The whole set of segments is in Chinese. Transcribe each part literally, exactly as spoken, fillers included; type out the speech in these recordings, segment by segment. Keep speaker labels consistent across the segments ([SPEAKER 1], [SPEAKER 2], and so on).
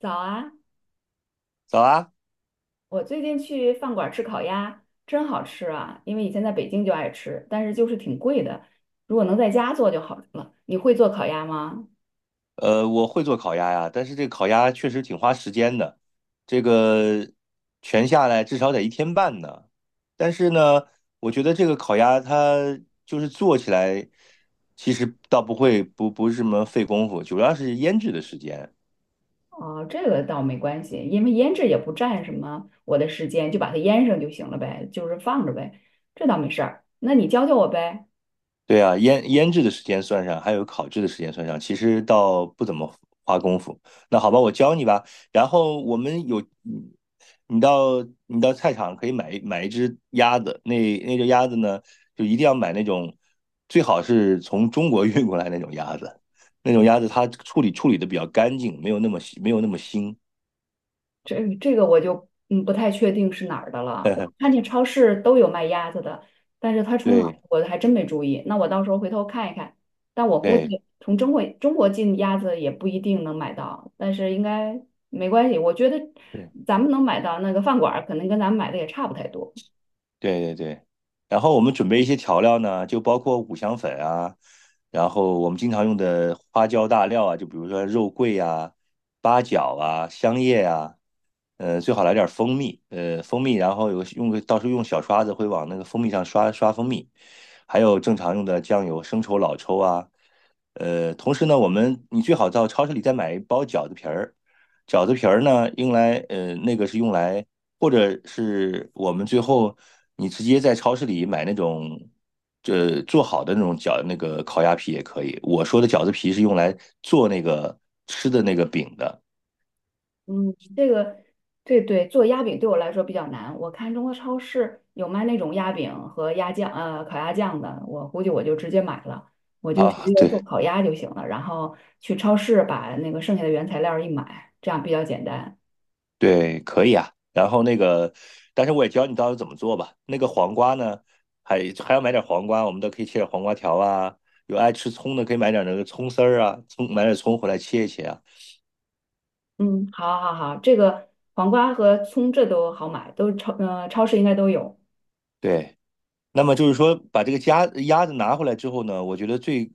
[SPEAKER 1] 早啊！
[SPEAKER 2] 早啊，
[SPEAKER 1] 我最近去饭馆吃烤鸭，真好吃啊！因为以前在北京就爱吃，但是就是挺贵的。如果能在家做就好了。你会做烤鸭吗？
[SPEAKER 2] 呃，我会做烤鸭呀，但是这个烤鸭确实挺花时间的，这个全下来至少得一天半呢。但是呢，我觉得这个烤鸭它就是做起来，其实倒不会不不是什么费功夫，主要是腌制的时间。
[SPEAKER 1] 哦，这个倒没关系，因为腌制也不占什么我的时间，就把它腌上就行了呗，就是放着呗，这倒没事儿。那你教教我呗。
[SPEAKER 2] 对啊，腌腌制的时间算上，还有烤制的时间算上，其实倒不怎么花功夫。那好吧，我教你吧。然后我们有，嗯你到你到菜场可以买一买一只鸭子，那那只鸭子呢，就一定要买那种，最好是从中国 运过来那种鸭子，那种鸭子它处理处理的比较干净，没有那么没有那么腥。
[SPEAKER 1] 这这个我就嗯不太确定是哪儿的了。我
[SPEAKER 2] 对
[SPEAKER 1] 看见超市都有卖鸭子的，但是它从哪儿我还真没注意。那我到时候回头看一看。但我估
[SPEAKER 2] 对
[SPEAKER 1] 计从中国中国进鸭子也不一定能买到，但是应该没关系。我觉得
[SPEAKER 2] 对。
[SPEAKER 1] 咱们能买到那个饭馆儿可能跟咱们买的也差不太多。
[SPEAKER 2] 对对对，然后我们准备一些调料呢，就包括五香粉啊，然后我们经常用的花椒大料啊，就比如说肉桂啊、八角啊、香叶啊，呃，最好来点蜂蜜，呃，蜂蜜，然后有个用个到时候用小刷子会往那个蜂蜜上刷刷蜂蜜，还有正常用的酱油、生抽、老抽啊，呃，同时呢，我们你最好到超市里再买一包饺子皮儿，饺子皮儿呢用来呃那个是用来。或者是我们最后你直接在超市里买那种，呃，做好的那种饺那个烤鸭皮也可以。我说的饺子皮是用来做那个吃的那个饼的
[SPEAKER 1] 嗯，这个对对，做鸭饼对我来说比较难。我看中国超市有卖那种鸭饼和鸭酱，呃，烤鸭酱的，我估计我就直接买了，我就直
[SPEAKER 2] 啊，
[SPEAKER 1] 接做
[SPEAKER 2] 对
[SPEAKER 1] 烤鸭就行了。然后去超市把那个剩下的原材料一买，这样比较简单。
[SPEAKER 2] 对，可以啊。然后那个，但是我也教你到底怎么做吧。那个黄瓜呢，还还要买点黄瓜，我们都可以切点黄瓜条啊。有爱吃葱的可以买点那个葱丝儿啊，葱买点葱回来切一切啊。
[SPEAKER 1] 嗯，好，好，好，这个黄瓜和葱这都好买，都是超，呃，超市应该都有。
[SPEAKER 2] 对。那么就是说，把这个鸭鸭子拿回来之后呢，我觉得最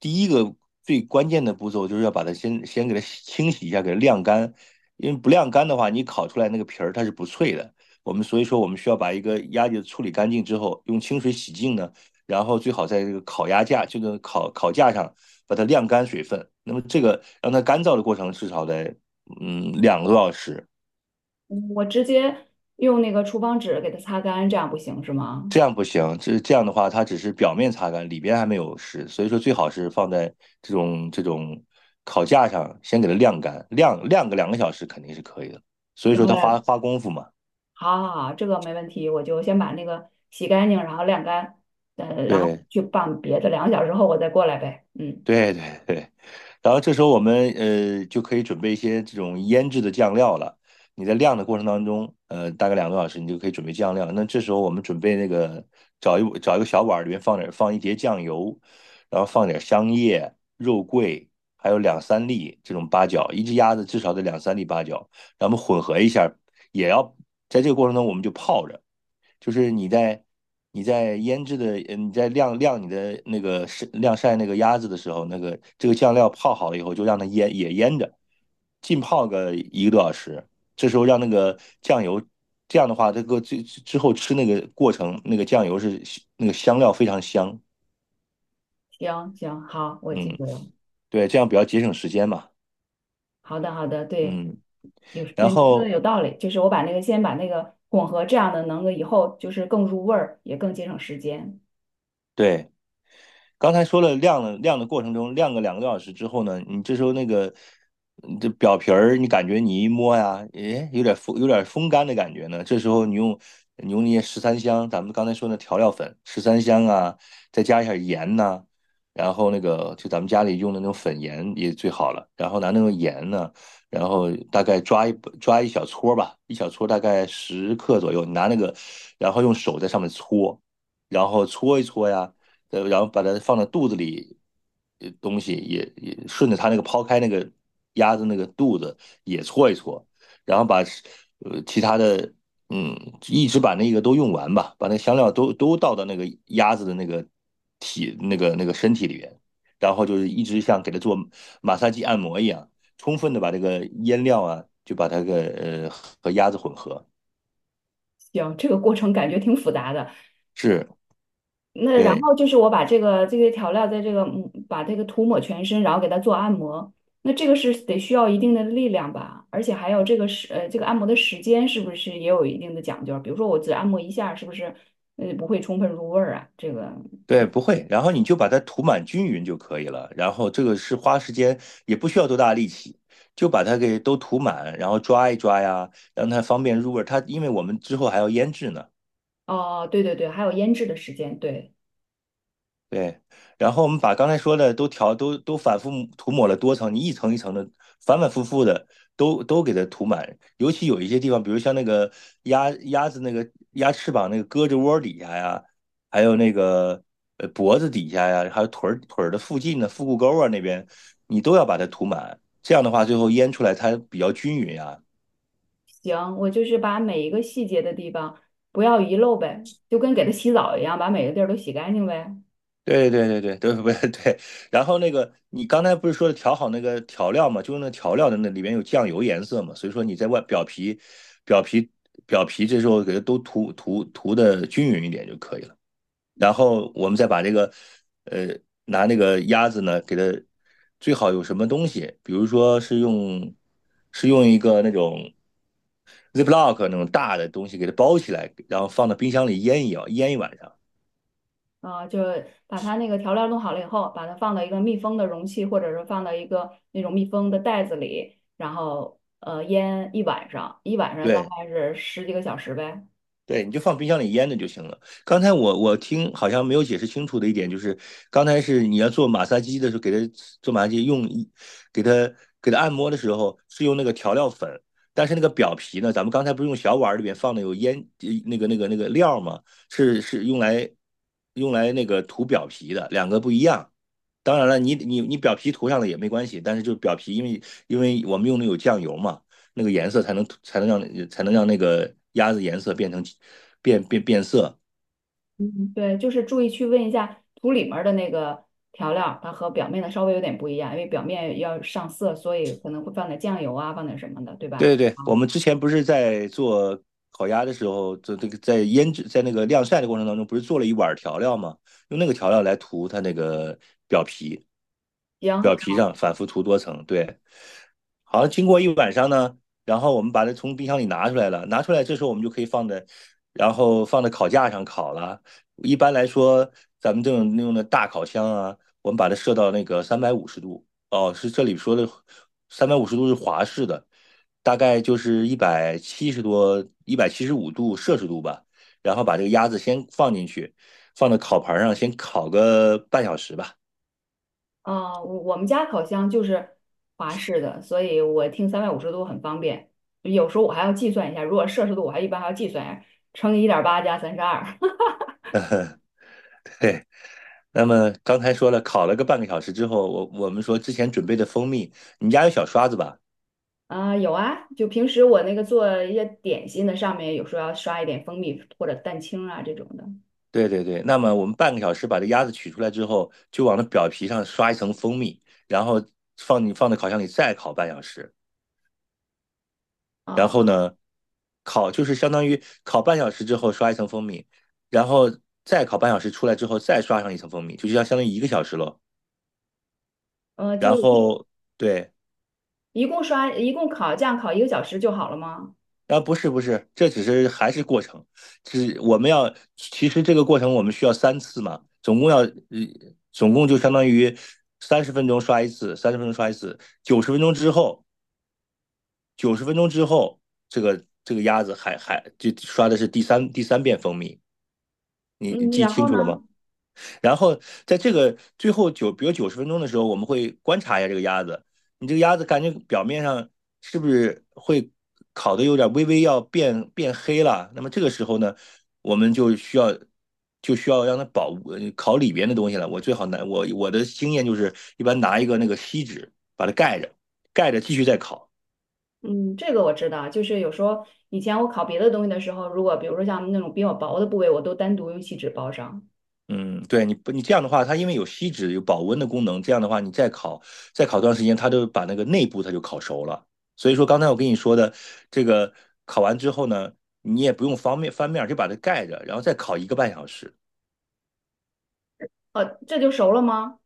[SPEAKER 2] 第一个最关键的步骤就是要把它先先给它清洗一下，给它晾干。因为不晾干的话，你烤出来那个皮儿它是不脆的。我们所以说，我们需要把一个鸭子处理干净之后，用清水洗净呢，然后最好在这个烤鸭架，这个烤烤架上把它晾干水分。那么这个让它干燥的过程至少得嗯两个多小时。
[SPEAKER 1] 嗯我直接用那个厨房纸给它擦干，这样不行是吗？
[SPEAKER 2] 这样不行，这这样的话，它只是表面擦干，里边还没有湿，所以说最好是放在这种这种烤架上，先给它晾干，晾晾个两个小时肯定是可以的。所以
[SPEAKER 1] 行
[SPEAKER 2] 说它花
[SPEAKER 1] 嘞。
[SPEAKER 2] 花功夫嘛，
[SPEAKER 1] 好好好，这个没问题，我就先把那个洗干净，然后晾干，呃，然后
[SPEAKER 2] 对，
[SPEAKER 1] 去拌别的，两个小时后我再过来呗。嗯，
[SPEAKER 2] 对对对，然后这时候我们呃就可以准备一些这种腌制的酱料了。你在晾的过程当中，呃，大概两个多小时，你就可以准备酱料了。那这时候我们准备那个找一找一个小碗儿，里面放点放一碟酱油，然后放点香叶、肉桂，还有两三粒这种八角，一只鸭子至少得两三粒八角，然后我们混合一下，也要在这个过程中我们就泡着。就是你在你在腌制的，呃你在晾晾你的那个晒晾晒那个鸭子的时候，那个这个酱料泡好了以后，就让它腌也腌着，浸泡个一个多小时。这时候让那个酱油，这样的话，这个最之后吃那个过程，那个酱油是那个香料非常香。
[SPEAKER 1] 行行，好，我记
[SPEAKER 2] 嗯，
[SPEAKER 1] 住了。
[SPEAKER 2] 对，这样比较节省时间嘛。
[SPEAKER 1] 好的好的，对，
[SPEAKER 2] 嗯，
[SPEAKER 1] 有
[SPEAKER 2] 然
[SPEAKER 1] 有这说的
[SPEAKER 2] 后
[SPEAKER 1] 有道理，就是我把那个先把那个混合，这样的能够以后就是更入味儿，也更节省时间。
[SPEAKER 2] 对。刚才说了晾了晾的过程中，晾个两个多小时之后呢，你这时候那个嗯这表皮儿，你感觉你一摸呀，诶，有点风有点风干的感觉呢。这时候你用你用那些十三香，咱们刚才说那调料粉，十三香啊，再加一下盐呐、然后那个就咱们家里用的那种粉盐也最好了。然后拿那种盐呢，然后大概抓一抓一小撮儿吧，一小撮儿大概十克左右，你拿那个，然后用手在上面搓，然后搓一搓呀，呃，然后把它放到肚子里，呃东西也也顺着它那个抛开那个鸭子那个肚子也搓一搓，然后把呃其他的嗯一直把那个都用完吧，把那香料都都倒到那个鸭子的那个体那个那个身体里边，然后就是一直像给它做马杀鸡按摩一样，充分的把这个腌料啊就把它个呃和鸭子混合，
[SPEAKER 1] 行，这个过程感觉挺复杂的，
[SPEAKER 2] 是
[SPEAKER 1] 那然
[SPEAKER 2] 对。
[SPEAKER 1] 后就是我把这个这些调料在这个嗯把这个涂抹全身，然后给它做按摩。那这个是得需要一定的力量吧，而且还有这个时呃这个按摩的时间是不是也有一定的讲究？比如说我只按摩一下，是不是呃不会充分入味儿啊？这个
[SPEAKER 2] 对，不会，然后你就把它涂满均匀就可以了。然后这个是花时间，也不需要多大力气，就把它给都涂满，然后抓一抓呀，让它方便入味儿。它因为我们之后还要腌制呢，
[SPEAKER 1] 哦，对对对，还有腌制的时间，对，
[SPEAKER 2] 对，然后我们把刚才说的都调都都反复涂抹了多层，你一层一层的反反复复的都都给它涂满，尤其有一些地方，比如像那个鸭鸭子那个鸭翅膀那个胳肢窝底下呀，还有那个呃脖子底下呀，还有腿儿腿儿的附近的腹股沟啊那边，你都要把它涂满，这样的话最后腌出来它比较均匀啊，
[SPEAKER 1] 行，我就是把每一个细节的地方不要遗漏呗，就跟给它洗澡一样，把每个地儿都洗干净呗。
[SPEAKER 2] 对对对对对，不是 对。然后那个，你刚才不是说调好那个调料嘛，就是那调料的那里面有酱油颜色嘛，所以说你在外表皮、表皮、表皮这时候给它都涂涂涂的均匀一点就可以了。然后我们再把这个，呃，拿那个鸭子呢，给它最好有什么东西，比如说是用是用一个那种 Ziploc 那种大的东西给它包起来，然后放到冰箱里腌一腌一晚上。
[SPEAKER 1] 啊、就把它那个调料弄好了以后，把它放到一个密封的容器，或者是放到一个那种密封的袋子里，然后呃腌一晚上，一晚上大
[SPEAKER 2] 对，
[SPEAKER 1] 概是十几个小时呗。
[SPEAKER 2] 对，你就放冰箱里腌着就行了。刚才我我听好像没有解释清楚的一点就是，刚才是你要做马杀鸡的时候，给它做马杀鸡用一，给它给它按摩的时候是用那个调料粉，但是那个表皮呢，咱们刚才不是用小碗儿里面放的有腌呃那个那个那个料吗？是是用来用来那个涂表皮的，两个不一样。当然了，你你你表皮涂上了也没关系，但是就是表皮，因为因为我们用的有酱油嘛，那个颜色才能才能让才能让那个鸭子颜色变成变变变色，
[SPEAKER 1] 嗯，对，就是注意去问一下土里面儿的那个调料儿它和表面的稍微有点不一样，因为表面要上色，所以可能会放点酱油啊，放点什么的，对吧？
[SPEAKER 2] 对对对，我
[SPEAKER 1] 好，
[SPEAKER 2] 们之前不是在做烤鸭的时候，做这个在腌制在那个晾晒的过程当中，不是做了一碗调料吗？用那个调料来涂它那个表皮，
[SPEAKER 1] 行，
[SPEAKER 2] 表皮上反复涂多层。对，好像经过一晚上呢，然后我们把它从冰箱里拿出来了，拿出来这时候我们就可以放在，然后放在烤架上烤了。一般来说，咱们这种用的大烤箱啊，我们把它设到那个三百五十度。哦，是这里说的三百五十度是华氏的。大概就是一百七十多、一百七十五度摄氏度吧，然后把这个鸭子先放进去，放到烤盘上先烤个半小时吧。
[SPEAKER 1] 啊，我我们家烤箱就是华氏的，所以我听三百五十度很方便。有时候我还要计算一下，如果摄氏度，我还一般还要计算一下，乘以一点八加三十二。
[SPEAKER 2] 对，那么刚才说了，烤了个半个小时之后，我我们说之前准备的蜂蜜，你们家有小刷子吧？
[SPEAKER 1] 啊，有啊，就平时我那个做一些点心的，上面有时候要刷一点蜂蜜或者蛋清啊这种的。
[SPEAKER 2] 对对对，那么我们半个小时把这鸭子取出来之后，就往那表皮上刷一层蜂蜜，然后放你放到烤箱里再烤半小时。然
[SPEAKER 1] 啊，
[SPEAKER 2] 后呢，烤就是相当于烤半小时之后刷一层蜂蜜，然后再烤半小时出来之后再刷上一层蜂蜜，就是要相当于一个小时喽。
[SPEAKER 1] 呃，就
[SPEAKER 2] 然
[SPEAKER 1] 一
[SPEAKER 2] 后对，
[SPEAKER 1] 一共刷一共烤这样烤一个小时就好了吗？
[SPEAKER 2] 啊不是不是，这只是还是过程，只我们要其实这个过程我们需要三次嘛，总共要呃总共就相当于三十分钟刷一次，三十分钟刷一次，九十分钟之后，九十分钟之后这个这个鸭子还还就刷的是第三第三遍蜂蜜，你你
[SPEAKER 1] 嗯，
[SPEAKER 2] 记
[SPEAKER 1] 然
[SPEAKER 2] 清
[SPEAKER 1] 后
[SPEAKER 2] 楚了吗？
[SPEAKER 1] 呢？
[SPEAKER 2] 然后在这个最后九，比如九十分钟的时候，我们会观察一下这个鸭子，你这个鸭子感觉表面上是不是会烤的有点微微要变变黑了？那么这个时候呢，我们就需要就需要让它保呃烤里边的东西了。我最好拿我我的经验就是，一般拿一个那个锡纸把它盖着，盖着继续再烤。
[SPEAKER 1] 嗯，这个我知道，就是有时候以前我烤别的东西的时候，如果比如说像那种比较薄的部位，我都单独用锡纸包上。
[SPEAKER 2] 嗯，对，你不你这样的话，它因为有锡纸有保温的功能，这样的话你再烤再烤段时间，它就把那个内部它就烤熟了。所以说刚才我跟你说的，这个烤完之后呢，你也不用方便翻面，就把它盖着，然后再烤一个半小时。
[SPEAKER 1] 呃，这就熟了吗？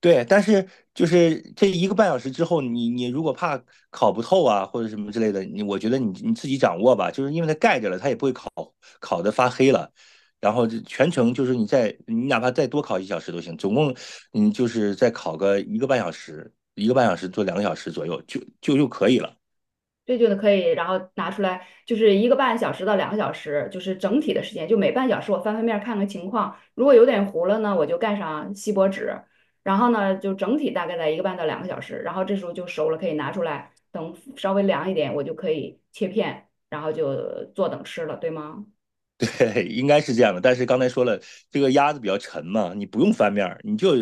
[SPEAKER 2] 对，但是就是这一个半小时之后，你你如果怕烤不透啊，或者什么之类的，你我觉得你你自己掌握吧，就是因为它盖着了，它也不会烤烤的发黑了。然后这全程就是你再你哪怕再多烤一小时都行，总共你就是再烤个一个半小时，一个半小时做两个小时左右就就就可以了。
[SPEAKER 1] 这就可以，然后拿出来，就是一个半小时到两个小时，就是整体的时间，就每半小时我翻翻面儿看看情况，如果有点糊了呢，我就盖上锡箔纸，然后呢就整体大概在一个半到两个小时，然后这时候就熟了，可以拿出来，等稍微凉一点，我就可以切片，然后就坐等吃了，对吗？
[SPEAKER 2] 对，应该是这样的。但是刚才说了，这个鸭子比较沉嘛，你不用翻面儿，你就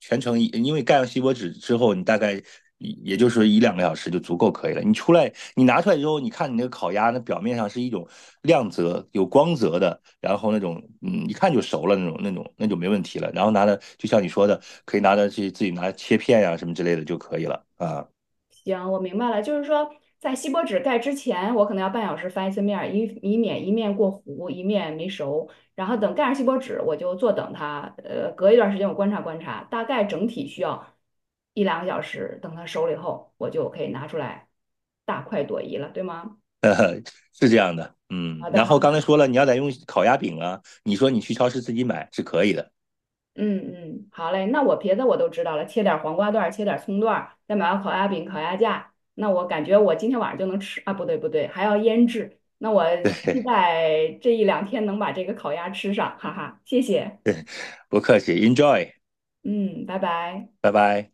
[SPEAKER 2] 全程一，因为盖上锡箔纸之后，你大概也就是一两个小时就足够可以了。你出来，你拿出来之后，你看你那个烤鸭，那表面上是一种亮泽、有光泽的，然后那种嗯，一看就熟了那种、那种、那就没问题了。然后拿的，就像你说的，可以拿着去自己拿切片呀、什么之类的就可以了啊，
[SPEAKER 1] 行，我明白了，就是说，在锡箔纸盖之前，我可能要半小时翻一次面儿，以以免一面过糊，一面没熟。然后等盖上锡箔纸，我就坐等它，呃，隔一段时间我观察观察，大概整体需要一两个小时，等它熟了以后，我就可以拿出来，大快朵颐了，对吗？
[SPEAKER 2] 是这样的。嗯，
[SPEAKER 1] 好的，
[SPEAKER 2] 然后
[SPEAKER 1] 好
[SPEAKER 2] 刚才
[SPEAKER 1] 的。
[SPEAKER 2] 说了，你要再用烤鸭饼啊，你说你去超市自己买是可以的，
[SPEAKER 1] 嗯嗯，好嘞，那我别的我都知道了，切点儿黄瓜段儿切点儿葱段儿再买个烤鸭饼、烤鸭架。那我感觉我今天晚上就能吃啊，不对不对，还要腌制。那我期
[SPEAKER 2] 对。
[SPEAKER 1] 待这一两天能把这个烤鸭吃上，哈哈，谢谢。
[SPEAKER 2] 不客气，Enjoy，
[SPEAKER 1] 嗯，拜拜。
[SPEAKER 2] 拜拜。